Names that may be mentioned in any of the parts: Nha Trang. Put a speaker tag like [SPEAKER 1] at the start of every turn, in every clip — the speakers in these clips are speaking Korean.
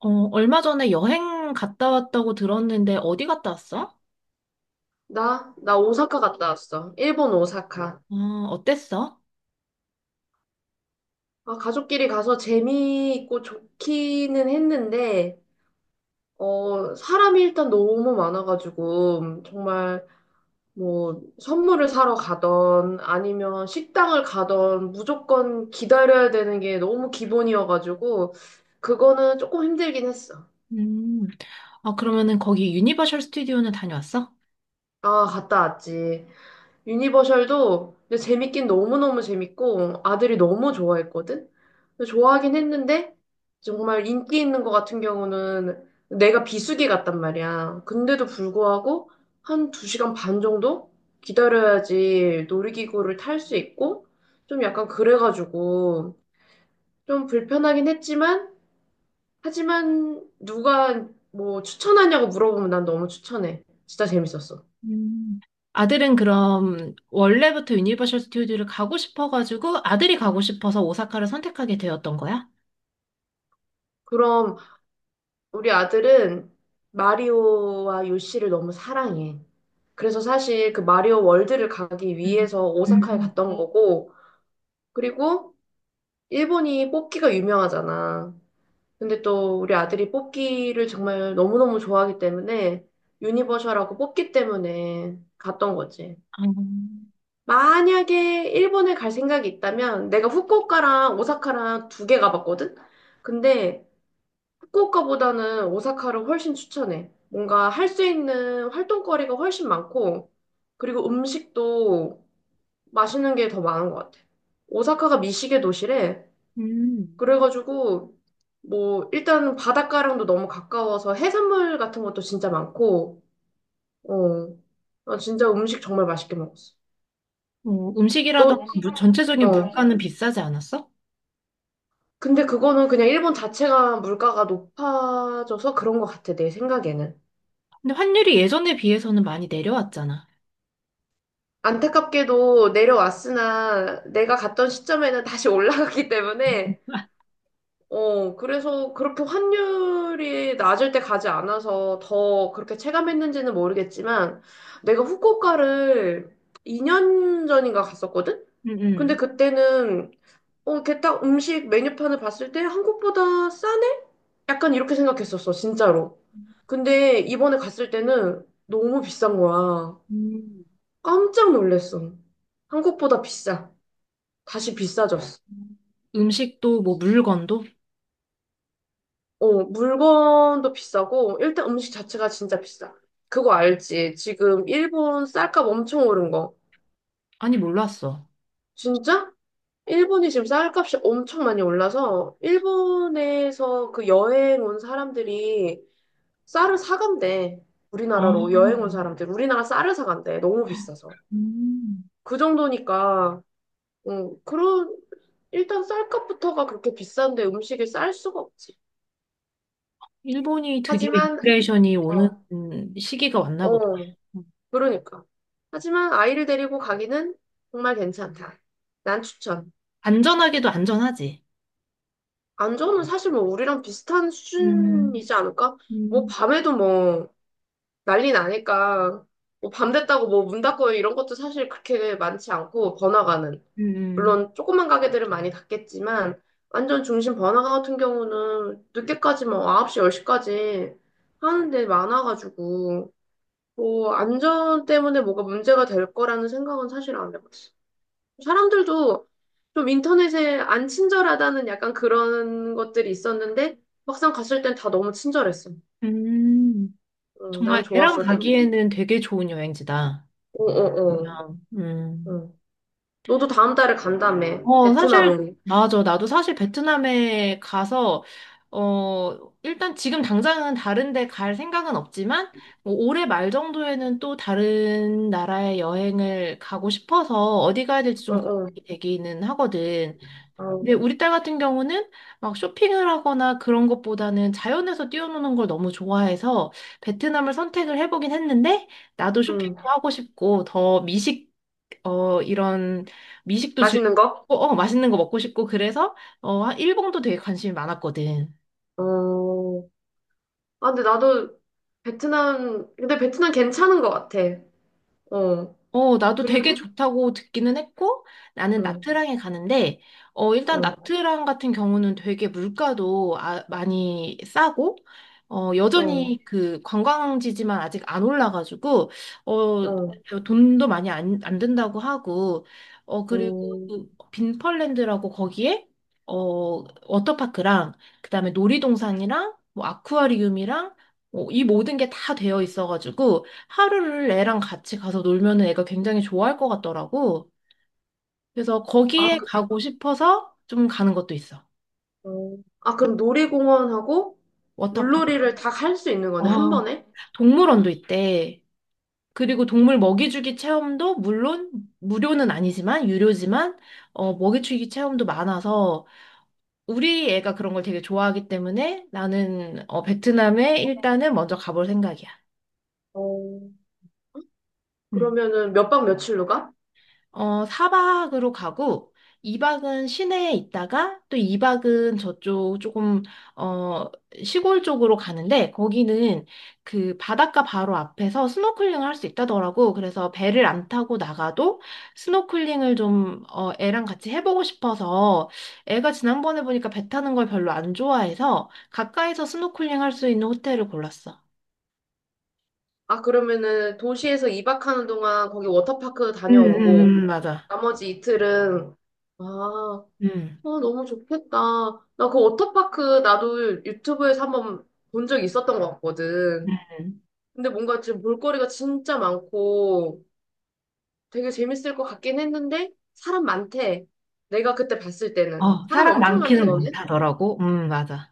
[SPEAKER 1] 어, 얼마 전에 여행 갔다 왔다고 들었는데 어디 갔다 왔어?
[SPEAKER 2] 나? 나 오사카 갔다 왔어. 일본 오사카.
[SPEAKER 1] 어, 어땠어?
[SPEAKER 2] 아, 가족끼리 가서 재미있고 좋기는 했는데, 사람이 일단 너무 많아가지고, 정말 뭐, 선물을 사러 가던, 아니면 식당을 가던, 무조건 기다려야 되는 게 너무 기본이어가지고, 그거는 조금 힘들긴 했어.
[SPEAKER 1] 음. 아, 그러면은 거기 유니버셜 스튜디오는 다녀왔어?
[SPEAKER 2] 아, 갔다 왔지. 유니버셜도 근데 재밌긴 너무너무 재밌고 아들이 너무 좋아했거든? 근데 좋아하긴 했는데 정말 인기 있는 거 같은 경우는 내가 비수기 같단 말이야. 근데도 불구하고 한 두시간반 정도 기다려야지 놀이기구를 탈 수 있고 좀 약간 그래가지고 좀 불편하긴 했지만 하지만 누가 뭐 추천하냐고 물어보면 난 너무 추천해. 진짜 재밌었어.
[SPEAKER 1] 음. 아들은 그럼 원래부터 유니버셜 스튜디오를 가고 싶어가지고 아들이 가고 싶어서 오사카를 선택하게 되었던 거야?
[SPEAKER 2] 그럼 우리 아들은 마리오와 요시를 너무 사랑해. 그래서 사실 그 마리오 월드를 가기
[SPEAKER 1] 음.
[SPEAKER 2] 위해서 오사카에
[SPEAKER 1] 음.
[SPEAKER 2] 갔던 거고, 그리고 일본이 뽑기가 유명하잖아. 근데 또 우리 아들이 뽑기를 정말 너무너무 좋아하기 때문에 유니버셜하고 뽑기 때문에 갔던 거지.
[SPEAKER 1] 아,
[SPEAKER 2] 만약에 일본에 갈 생각이 있다면 내가 후쿠오카랑 오사카랑 두 개 가봤거든? 근데 후쿠오카보다는 오사카를 훨씬 추천해. 뭔가 할 수 있는 활동거리가 훨씬 많고, 그리고 음식도 맛있는 게 더 많은 것 같아. 오사카가 미식의 도시래.
[SPEAKER 1] 음.
[SPEAKER 2] 그래가지고, 뭐, 일단 바닷가랑도 너무 가까워서 해산물 같은 것도 진짜 많고, 어, 나 진짜 음식 정말 맛있게 먹었어.
[SPEAKER 1] 어, 음식이라던가
[SPEAKER 2] 너,
[SPEAKER 1] 전체적인
[SPEAKER 2] 어.
[SPEAKER 1] 물가는 비싸지 않았어?
[SPEAKER 2] 근데 그거는 그냥 일본 자체가 물가가 높아져서 그런 것 같아, 내 생각에는.
[SPEAKER 1] 근데 환율이 예전에 비해서는 많이 내려왔잖아.
[SPEAKER 2] 안타깝게도 내려왔으나 내가 갔던 시점에는 다시 올라갔기 때문에 그래서 그렇게 환율이 낮을 때 가지 않아서 더 그렇게 체감했는지는 모르겠지만 내가 후쿠오카를 2년 전인가 갔었거든?
[SPEAKER 1] 음,
[SPEAKER 2] 근데
[SPEAKER 1] 음.
[SPEAKER 2] 그때는 이렇게 딱 음식 메뉴판을 봤을 때 한국보다 싸네? 약간 이렇게 생각했었어 진짜로. 근데 이번에 갔을 때는 너무 비싼 거야.
[SPEAKER 1] 음.
[SPEAKER 2] 깜짝 놀랐어. 한국보다 비싸. 다시 비싸졌어.
[SPEAKER 1] 음식도 뭐 물건도?
[SPEAKER 2] 어, 물건도 비싸고, 일단 음식 자체가 진짜 비싸. 그거 알지? 지금 일본 쌀값 엄청 오른 거.
[SPEAKER 1] 아니, 몰랐어.
[SPEAKER 2] 진짜? 일본이 지금 쌀값이 엄청 많이 올라서, 일본에서 그 여행 온 사람들이 쌀을 사간대.
[SPEAKER 1] 아,
[SPEAKER 2] 우리나라로 여행 온 사람들. 우리나라 쌀을 사간대. 너무 비싸서.
[SPEAKER 1] 음.
[SPEAKER 2] 그 정도니까, 음, 그런, 일단 쌀값부터가 그렇게 비싼데 음식을 쌀 수가 없지.
[SPEAKER 1] 일본이 드디어
[SPEAKER 2] 하지만,
[SPEAKER 1] 인플레이션이 오는
[SPEAKER 2] 어,
[SPEAKER 1] 시기가 왔나 보다.
[SPEAKER 2] 어. 그러니까. 하지만 아이를 데리고 가기는 정말 괜찮다. 난 추천.
[SPEAKER 1] 안전하게도 안전하지.
[SPEAKER 2] 안전은 사실 뭐 우리랑 비슷한
[SPEAKER 1] 음,
[SPEAKER 2] 수준이지 않을까? 뭐
[SPEAKER 1] 음,
[SPEAKER 2] 밤에도 뭐 난리 나니까 뭐밤 됐다고 뭐 문 닫고 이런 것도 사실 그렇게 많지 않고 번화가는
[SPEAKER 1] 음,
[SPEAKER 2] 물론 조그만 가게들은 많이 닫겠지만 완전 중심 번화가 같은 경우는 늦게까지 뭐 9시, 10시까지 하는 데 많아가지고 뭐 안전 때문에 뭐가 문제가 될 거라는 생각은 사실 안 해봤어. 사람들도 좀 인터넷에 안 친절하다는 약간 그런 것들이 있었는데 막상 갔을 땐 다 너무 친절했어.
[SPEAKER 1] 음.
[SPEAKER 2] 응, 난
[SPEAKER 1] 정말 애랑
[SPEAKER 2] 좋았어. 응,
[SPEAKER 1] 가기에는 되게 좋은 여행지다.
[SPEAKER 2] 응, 응.
[SPEAKER 1] 보면. 음.
[SPEAKER 2] 응. 너도 다음 달에 간다며.
[SPEAKER 1] 어, 사실,
[SPEAKER 2] 베트남으로.
[SPEAKER 1] 맞아. 나도 사실 베트남에 가서, 어, 일단 지금 당장은 다른 데 갈 생각은 없지만, 뭐 올해 말 정도에는 또 다른 나라에 여행을 가고 싶어서 어디 가야 될지
[SPEAKER 2] 어,
[SPEAKER 1] 좀
[SPEAKER 2] 어.
[SPEAKER 1] 고민이 되기는 하거든.
[SPEAKER 2] 어,
[SPEAKER 1] 근데 우리 딸 같은 경우는 막 쇼핑을 하거나 그런 것보다는 자연에서 뛰어노는 걸 너무 좋아해서 베트남을 선택을 해보긴 했는데 나도
[SPEAKER 2] 응.
[SPEAKER 1] 쇼핑도 하고 싶고 더 미식 어 이런 미식도 즐기고
[SPEAKER 2] 맛있는 거?
[SPEAKER 1] 어 맛있는 거 먹고 싶고 그래서 어 일본도 되게 관심이 많았거든.
[SPEAKER 2] 어. 아, 근데 나도 베트남, 근데 베트남 괜찮은 것 같아. 어.
[SPEAKER 1] 어, 나도 되게
[SPEAKER 2] 그리고?
[SPEAKER 1] 좋다고 듣기는 했고, 나는
[SPEAKER 2] 응,
[SPEAKER 1] 나트랑에 가는데, 어, 일단
[SPEAKER 2] 응,
[SPEAKER 1] 나트랑 같은 경우는 되게 물가도 아, 많이 싸고, 어,
[SPEAKER 2] 응,
[SPEAKER 1] 여전히 그 관광지지만 아직 안 올라가지고, 어,
[SPEAKER 2] 응.
[SPEAKER 1] 돈도 많이 안 든다고 하고, 어, 그리고
[SPEAKER 2] 응.
[SPEAKER 1] 그 빈펄랜드라고 거기에, 어, 워터파크랑, 그다음에 놀이동산이랑, 뭐, 아쿠아리움이랑, 어, 이 모든 게 다 되어 있어가지고, 하루를 애랑 같이 가서 놀면은 애가 굉장히 좋아할 것 같더라고. 그래서
[SPEAKER 2] 아,
[SPEAKER 1] 거기에 가고 싶어서 좀 가는 것도 있어.
[SPEAKER 2] 어. 아, 그럼 놀이공원하고
[SPEAKER 1] 워터파크.
[SPEAKER 2] 물놀이를 다 할 수 있는 거네, 한
[SPEAKER 1] 어,
[SPEAKER 2] 번에?
[SPEAKER 1] 동물원도 있대. 그리고 동물 먹이주기 체험도 물론 무료는 아니지만 유료지만 어, 먹이주기 체험도 많아서 우리 애가 그런 걸 되게 좋아하기 때문에 나는 어, 베트남에 일단은 먼저 가볼 생각이야.
[SPEAKER 2] 어.
[SPEAKER 1] 음.
[SPEAKER 2] 그러면은 몇 박 며칠로 가?
[SPEAKER 1] 어, 4박으로 가고 2박은 시내에 있다가 또 2박은 저쪽 조금 어, 시골 쪽으로 가는데 거기는 그 바닷가 바로 앞에서 스노클링을 할 수 있다더라고. 그래서 배를 안 타고 나가도 스노클링을 좀 어, 애랑 같이 해보고 싶어서 애가 지난번에 보니까 배 타는 걸 별로 안 좋아해서 가까이서 스노클링 할 수 있는 호텔을 골랐어.
[SPEAKER 2] 아, 그러면은 도시에서 2박 하는 동안 거기 워터파크 다녀오고,
[SPEAKER 1] 맞아.
[SPEAKER 2] 나머지 이틀은, 아,
[SPEAKER 1] 응
[SPEAKER 2] 어, 너무 좋겠다. 나 그 워터파크 나도 유튜브에서 한번 본 적 있었던 것 같거든.
[SPEAKER 1] 음.
[SPEAKER 2] 근데 뭔가 지금 볼거리가 진짜 많고 되게 재밌을 것 같긴 했는데, 사람 많대. 내가 그때 봤을 때는.
[SPEAKER 1] 어,
[SPEAKER 2] 사람
[SPEAKER 1] 사람
[SPEAKER 2] 엄청
[SPEAKER 1] 많기는
[SPEAKER 2] 많다던데?
[SPEAKER 1] 많다더라고. 맞아.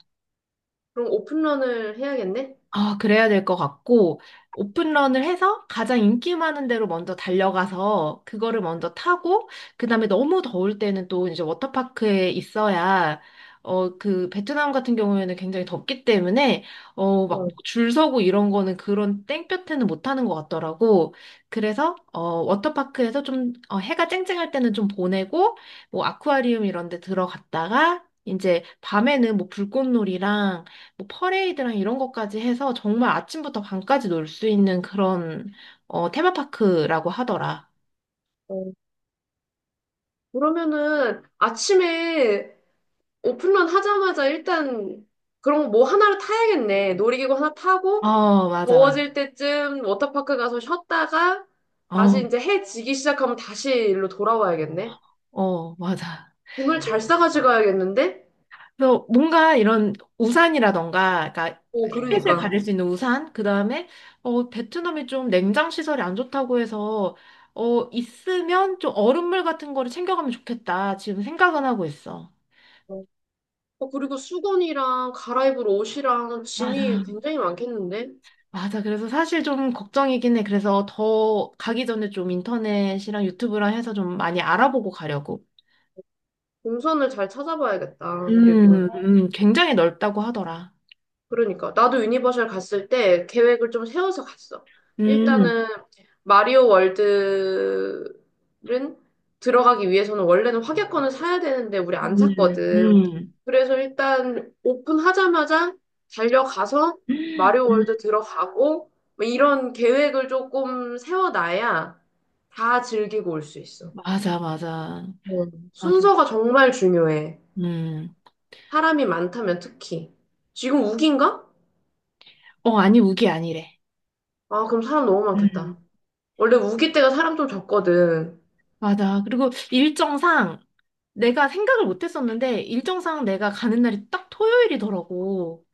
[SPEAKER 2] 그럼 오픈런을 해야겠네?
[SPEAKER 1] 아, 그래야 될 것 같고, 오픈런을 해서 가장 인기 많은 데로 먼저 달려가서 그거를 먼저 타고, 그 다음에 너무 더울 때는 또 이제 워터파크에 있어야, 어, 그 베트남 같은 경우에는 굉장히 덥기 때문에, 어, 막 뭐
[SPEAKER 2] 어,
[SPEAKER 1] 줄 서고 이런 거는 그런 땡볕에는 못 하는 것 같더라고. 그래서, 어, 워터파크에서 좀, 어, 해가 쨍쨍할 때는 좀 보내고, 뭐 아쿠아리움 이런 데 들어갔다가, 이제 밤에는 뭐 불꽃놀이랑 뭐 퍼레이드랑 이런 것까지 해서 정말 아침부터 밤까지 놀 수 있는 그런 어, 테마파크라고 하더라.
[SPEAKER 2] 어. 그러면은 아침에 오픈런 하자마자 일단 그런 거 뭐 하나를 타야겠네. 놀이기구 하나 타고
[SPEAKER 1] 어, 맞아.
[SPEAKER 2] 더워질 때쯤 워터파크 가서 쉬었다가
[SPEAKER 1] 어,
[SPEAKER 2] 다시 이제 해 지기 시작하면 다시 일로 돌아와야겠네.
[SPEAKER 1] 어, 맞아.
[SPEAKER 2] 짐을 잘 싸가지 가야겠는데?
[SPEAKER 1] 그래서 뭔가 이런 우산이라던가, 그러니까
[SPEAKER 2] 어,
[SPEAKER 1] 햇빛을
[SPEAKER 2] 그러니까.
[SPEAKER 1] 가릴 수 있는 우산, 그 다음에 어, 베트남이 좀 냉장 시설이 안 좋다고 해서 어, 있으면 좀 얼음물 같은 거를 챙겨가면 좋겠다. 지금 생각은 하고 있어.
[SPEAKER 2] 어. 그리고 수건이랑 갈아입을 옷이랑
[SPEAKER 1] 맞아.
[SPEAKER 2] 짐이 굉장히 많겠는데?
[SPEAKER 1] 맞아. 그래서 사실 좀 걱정이긴 해. 그래서 더 가기 전에 좀 인터넷이랑 유튜브랑 해서 좀 많이 알아보고 가려고.
[SPEAKER 2] 동선을 잘 찾아봐야겠다. 그리고.
[SPEAKER 1] 굉장히 넓다고 하더라.
[SPEAKER 2] 그러니까 나도 유니버셜 갔을 때 계획을 좀 세워서 갔어.
[SPEAKER 1] 음,
[SPEAKER 2] 일단은 마리오 월드는 들어가기 위해서는 원래는 확약권을 사야 되는데 우리 안
[SPEAKER 1] 음,
[SPEAKER 2] 샀거든.
[SPEAKER 1] 음.
[SPEAKER 2] 그래서 일단 오픈하자마자 달려가서 마리오 월드 들어가고 뭐 이런 계획을 조금 세워놔야 다 즐기고 올 수 있어.
[SPEAKER 1] 맞아, 맞아.
[SPEAKER 2] 뭐,
[SPEAKER 1] 맞아.
[SPEAKER 2] 순서가 정말 중요해.
[SPEAKER 1] 음.
[SPEAKER 2] 사람이 많다면 특히. 지금 우기인가?
[SPEAKER 1] 어, 아니, 우기 아니래.
[SPEAKER 2] 아, 그럼 사람 너무 많겠다.
[SPEAKER 1] 음.
[SPEAKER 2] 원래 우기 때가 사람 좀 적거든.
[SPEAKER 1] 맞아. 그리고 일정상 내가 생각을 못 했었는데 일정상 내가 가는 날이 딱 토요일이더라고.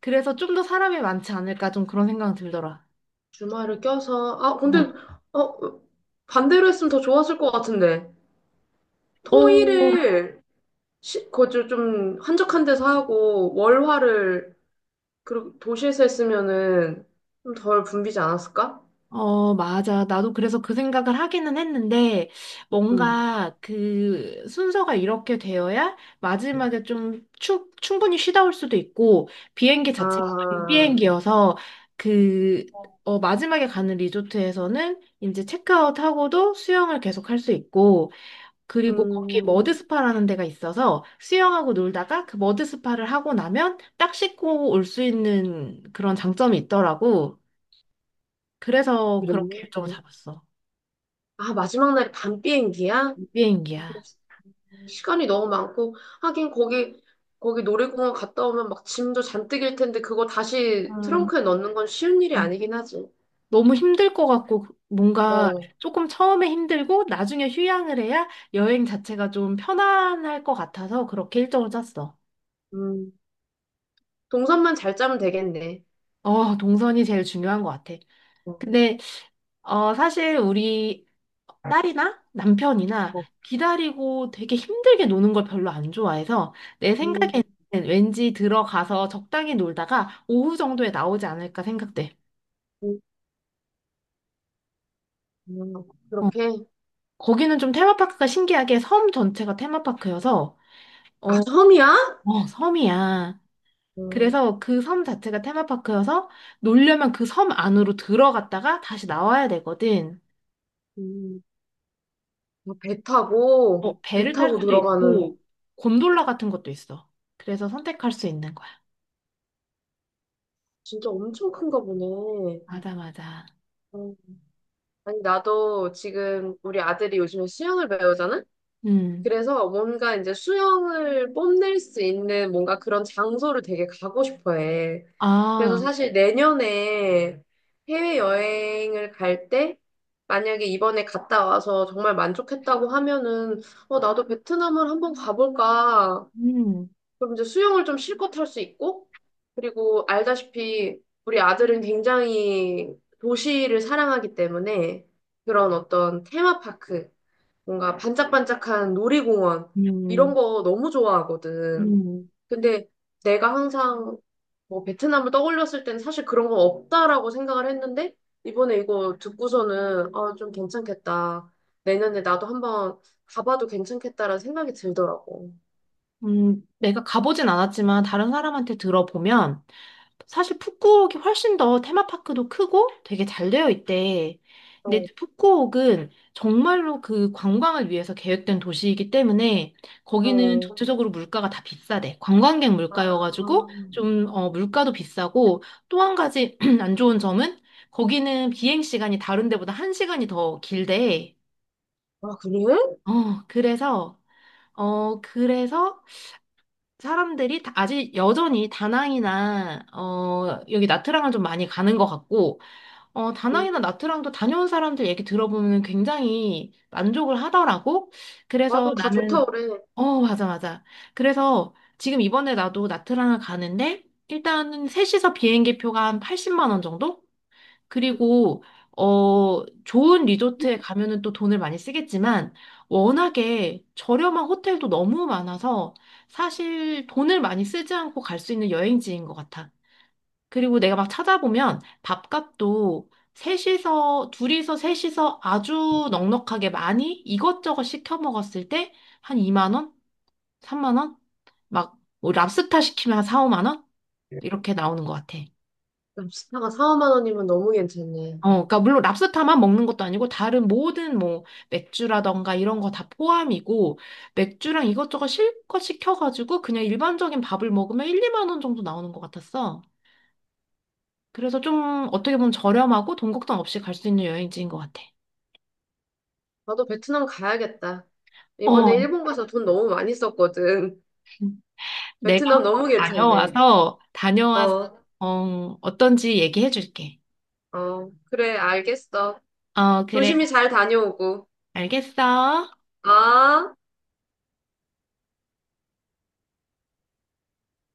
[SPEAKER 1] 그래서 좀 더 사람이 많지 않을까 좀 그런 생각 들더라.
[SPEAKER 2] 주말을 껴서, 아, 근데, 어, 반대로 했으면 더 좋았을 것 같은데.
[SPEAKER 1] 어,
[SPEAKER 2] 토일을, 시, 거주 좀 한적한 데서 하고, 월화를, 그리고 도시에서 했으면은 좀 덜 붐비지 않았을까?
[SPEAKER 1] 어, 맞아. 나도 그래서 그 생각을 하기는 했는데,
[SPEAKER 2] 음.
[SPEAKER 1] 뭔가 그 순서가 이렇게 되어야 마지막에 충분히 쉬다 올 수도 있고, 비행기 자체가 밤
[SPEAKER 2] 아,
[SPEAKER 1] 비행기여서, 그, 어, 마지막에 가는 리조트에서는 이제 체크아웃하고도 수영을 계속 할 수 있고, 그리고 거기
[SPEAKER 2] 음.
[SPEAKER 1] 머드스파라는 데가 있어서 수영하고 놀다가 그 머드스파를 하고 나면 딱 씻고 올 수 있는 그런 장점이 있더라고. 그래서 그렇게 일정을
[SPEAKER 2] 그래.
[SPEAKER 1] 잡았어.
[SPEAKER 2] 아, 마지막 날이 밤 비행기야?
[SPEAKER 1] 비행기야.
[SPEAKER 2] 시간이 너무 많고 하긴 거기 거기 놀이공원 갔다 오면 막 짐도 잔뜩 일 텐데 그거
[SPEAKER 1] 아,
[SPEAKER 2] 다시
[SPEAKER 1] 어.
[SPEAKER 2] 트렁크에 넣는 건 쉬운 일이 아니긴 하지.
[SPEAKER 1] 너무 힘들 것 같고 그 뭔가
[SPEAKER 2] 어,
[SPEAKER 1] 조금 처음에 힘들고 나중에 휴양을 해야 여행 자체가 좀 편안할 것 같아서 그렇게 일정을 짰어.
[SPEAKER 2] 음, 동선만 잘 짜면 되겠네.
[SPEAKER 1] 어, 동선이 제일 중요한 것 같아.
[SPEAKER 2] 어,
[SPEAKER 1] 근데 어, 사실 우리 딸이나 남편이나
[SPEAKER 2] 어,
[SPEAKER 1] 기다리고 되게 힘들게 노는 걸 별로 안 좋아해서 내
[SPEAKER 2] 음,
[SPEAKER 1] 생각에는 왠지 들어가서 적당히 놀다가 오후 정도에 나오지 않을까 생각돼.
[SPEAKER 2] 음, 음,
[SPEAKER 1] 어.
[SPEAKER 2] 그렇게
[SPEAKER 1] 거기는 좀 테마파크가 신기하게 섬 전체가 테마파크여서,
[SPEAKER 2] 아
[SPEAKER 1] 어,
[SPEAKER 2] 섬이야?
[SPEAKER 1] 어, 섬이야. 응.
[SPEAKER 2] 음,
[SPEAKER 1] 그래서 그 섬 자체가 테마파크여서 놀려면 그 섬 안으로 들어갔다가 다시 나와야 되거든.
[SPEAKER 2] 음. 아, 배 타고
[SPEAKER 1] 어
[SPEAKER 2] 배
[SPEAKER 1] 배를 탈
[SPEAKER 2] 타고
[SPEAKER 1] 수도
[SPEAKER 2] 들어가는
[SPEAKER 1] 있고, 곤돌라 같은 것도 있어. 그래서 선택할 수 있는 거야.
[SPEAKER 2] 진짜 엄청 큰가 보네.
[SPEAKER 1] 맞아, 맞아.
[SPEAKER 2] 어, 아니 나도 지금 우리 아들이 요즘에 수영을 배우잖아.
[SPEAKER 1] 음.
[SPEAKER 2] 그래서 뭔가 이제 수영을 뽐낼 수 있는 뭔가 그런 장소를 되게 가고 싶어 해. 그래서
[SPEAKER 1] 아,
[SPEAKER 2] 사실 내년에 해외여행을 갈 때, 만약에 이번에 갔다 와서 정말 만족했다고 하면은, 나도 베트남을 한번 가볼까.
[SPEAKER 1] 음,
[SPEAKER 2] 그럼 이제 수영을 좀 실컷 할 수 있고, 그리고 알다시피 우리 아들은 굉장히 도시를 사랑하기 때문에 그런 어떤 테마파크, 뭔가 반짝반짝한 놀이공원 이런
[SPEAKER 1] 음,
[SPEAKER 2] 거 너무 좋아하거든.
[SPEAKER 1] 음,
[SPEAKER 2] 근데 내가 항상 뭐 베트남을 떠올렸을 땐 사실 그런 거 없다라고 생각을 했는데 이번에 이거 듣고서는 아, 좀 괜찮겠다. 내년에 나도 한번 가봐도 괜찮겠다라는 생각이 들더라고.
[SPEAKER 1] 내가 가보진 않았지만 다른 사람한테 들어보면 사실 푸꾸옥이 훨씬 더 테마파크도 크고 되게 잘 되어 있대. 근데
[SPEAKER 2] 어,
[SPEAKER 1] 푸꾸옥은 정말로 그 관광을 위해서 계획된 도시이기 때문에 거기는
[SPEAKER 2] 어.
[SPEAKER 1] 전체적으로 물가가 다 비싸대. 관광객
[SPEAKER 2] 아,
[SPEAKER 1] 물가여가지고 좀 어, 물가도 비싸고 또 한 가지 안 좋은 점은 거기는 비행 시간이 다른 데보다 한 시간이 더 길대.
[SPEAKER 2] 아, 그래?
[SPEAKER 1] 어, 그래서 어, 그래서 사람들이 아직 여전히 다낭이나 어 여기 나트랑을 좀 많이 가는 것 같고 어, 다낭이나 나트랑도 다녀온 사람들 얘기 들어보면 굉장히 만족을 하더라고. 그래서
[SPEAKER 2] 맞아, 다 좋다
[SPEAKER 1] 나는,
[SPEAKER 2] 그래.
[SPEAKER 1] 어, 맞아, 맞아. 그래서 지금 이번에 나도 나트랑을 가는데, 일단은 셋이서 비행기 표가 한 80만 원 정도? 그리고, 어, 좋은 리조트에 가면은 또 돈을 많이 쓰겠지만, 워낙에 저렴한 호텔도 너무 많아서, 사실 돈을 많이 쓰지 않고 갈 수 있는 여행지인 것 같아. 그리고 내가 막 찾아보면 밥값도 셋이서, 둘이서 셋이서 아주 넉넉하게 많이 이것저것 시켜 먹었을 때 한 2만 원? 3만 원? 막, 뭐 랍스타 시키면 한 4, 5만 원? 이렇게 나오는 것 같아.
[SPEAKER 2] 랍스타가 4, 5만 원이면 너무 괜찮네.
[SPEAKER 1] 어, 그러니까 물론 랍스타만 먹는 것도 아니고 다른 모든 뭐 맥주라던가 이런 거 다 포함이고 맥주랑 이것저것 실컷 시켜가지고 그냥 일반적인 밥을 먹으면 1, 2만 원 정도 나오는 것 같았어. 그래서 좀 어떻게 보면 저렴하고 돈 걱정 없이 갈 수 있는 여행지인 것 같아.
[SPEAKER 2] 나도 베트남 가야겠다.
[SPEAKER 1] 어,
[SPEAKER 2] 이번에
[SPEAKER 1] 어,
[SPEAKER 2] 일본 가서 돈 너무 많이 썼거든.
[SPEAKER 1] 내가
[SPEAKER 2] 베트남
[SPEAKER 1] 한번
[SPEAKER 2] 너무 괜찮네.
[SPEAKER 1] 다녀와서,
[SPEAKER 2] 어,
[SPEAKER 1] 어, 어떤지 얘기해 줄게.
[SPEAKER 2] 어, 그래, 알겠어.
[SPEAKER 1] 어, 그래.
[SPEAKER 2] 조심히 잘 다녀오고.
[SPEAKER 1] 알겠어.
[SPEAKER 2] 아.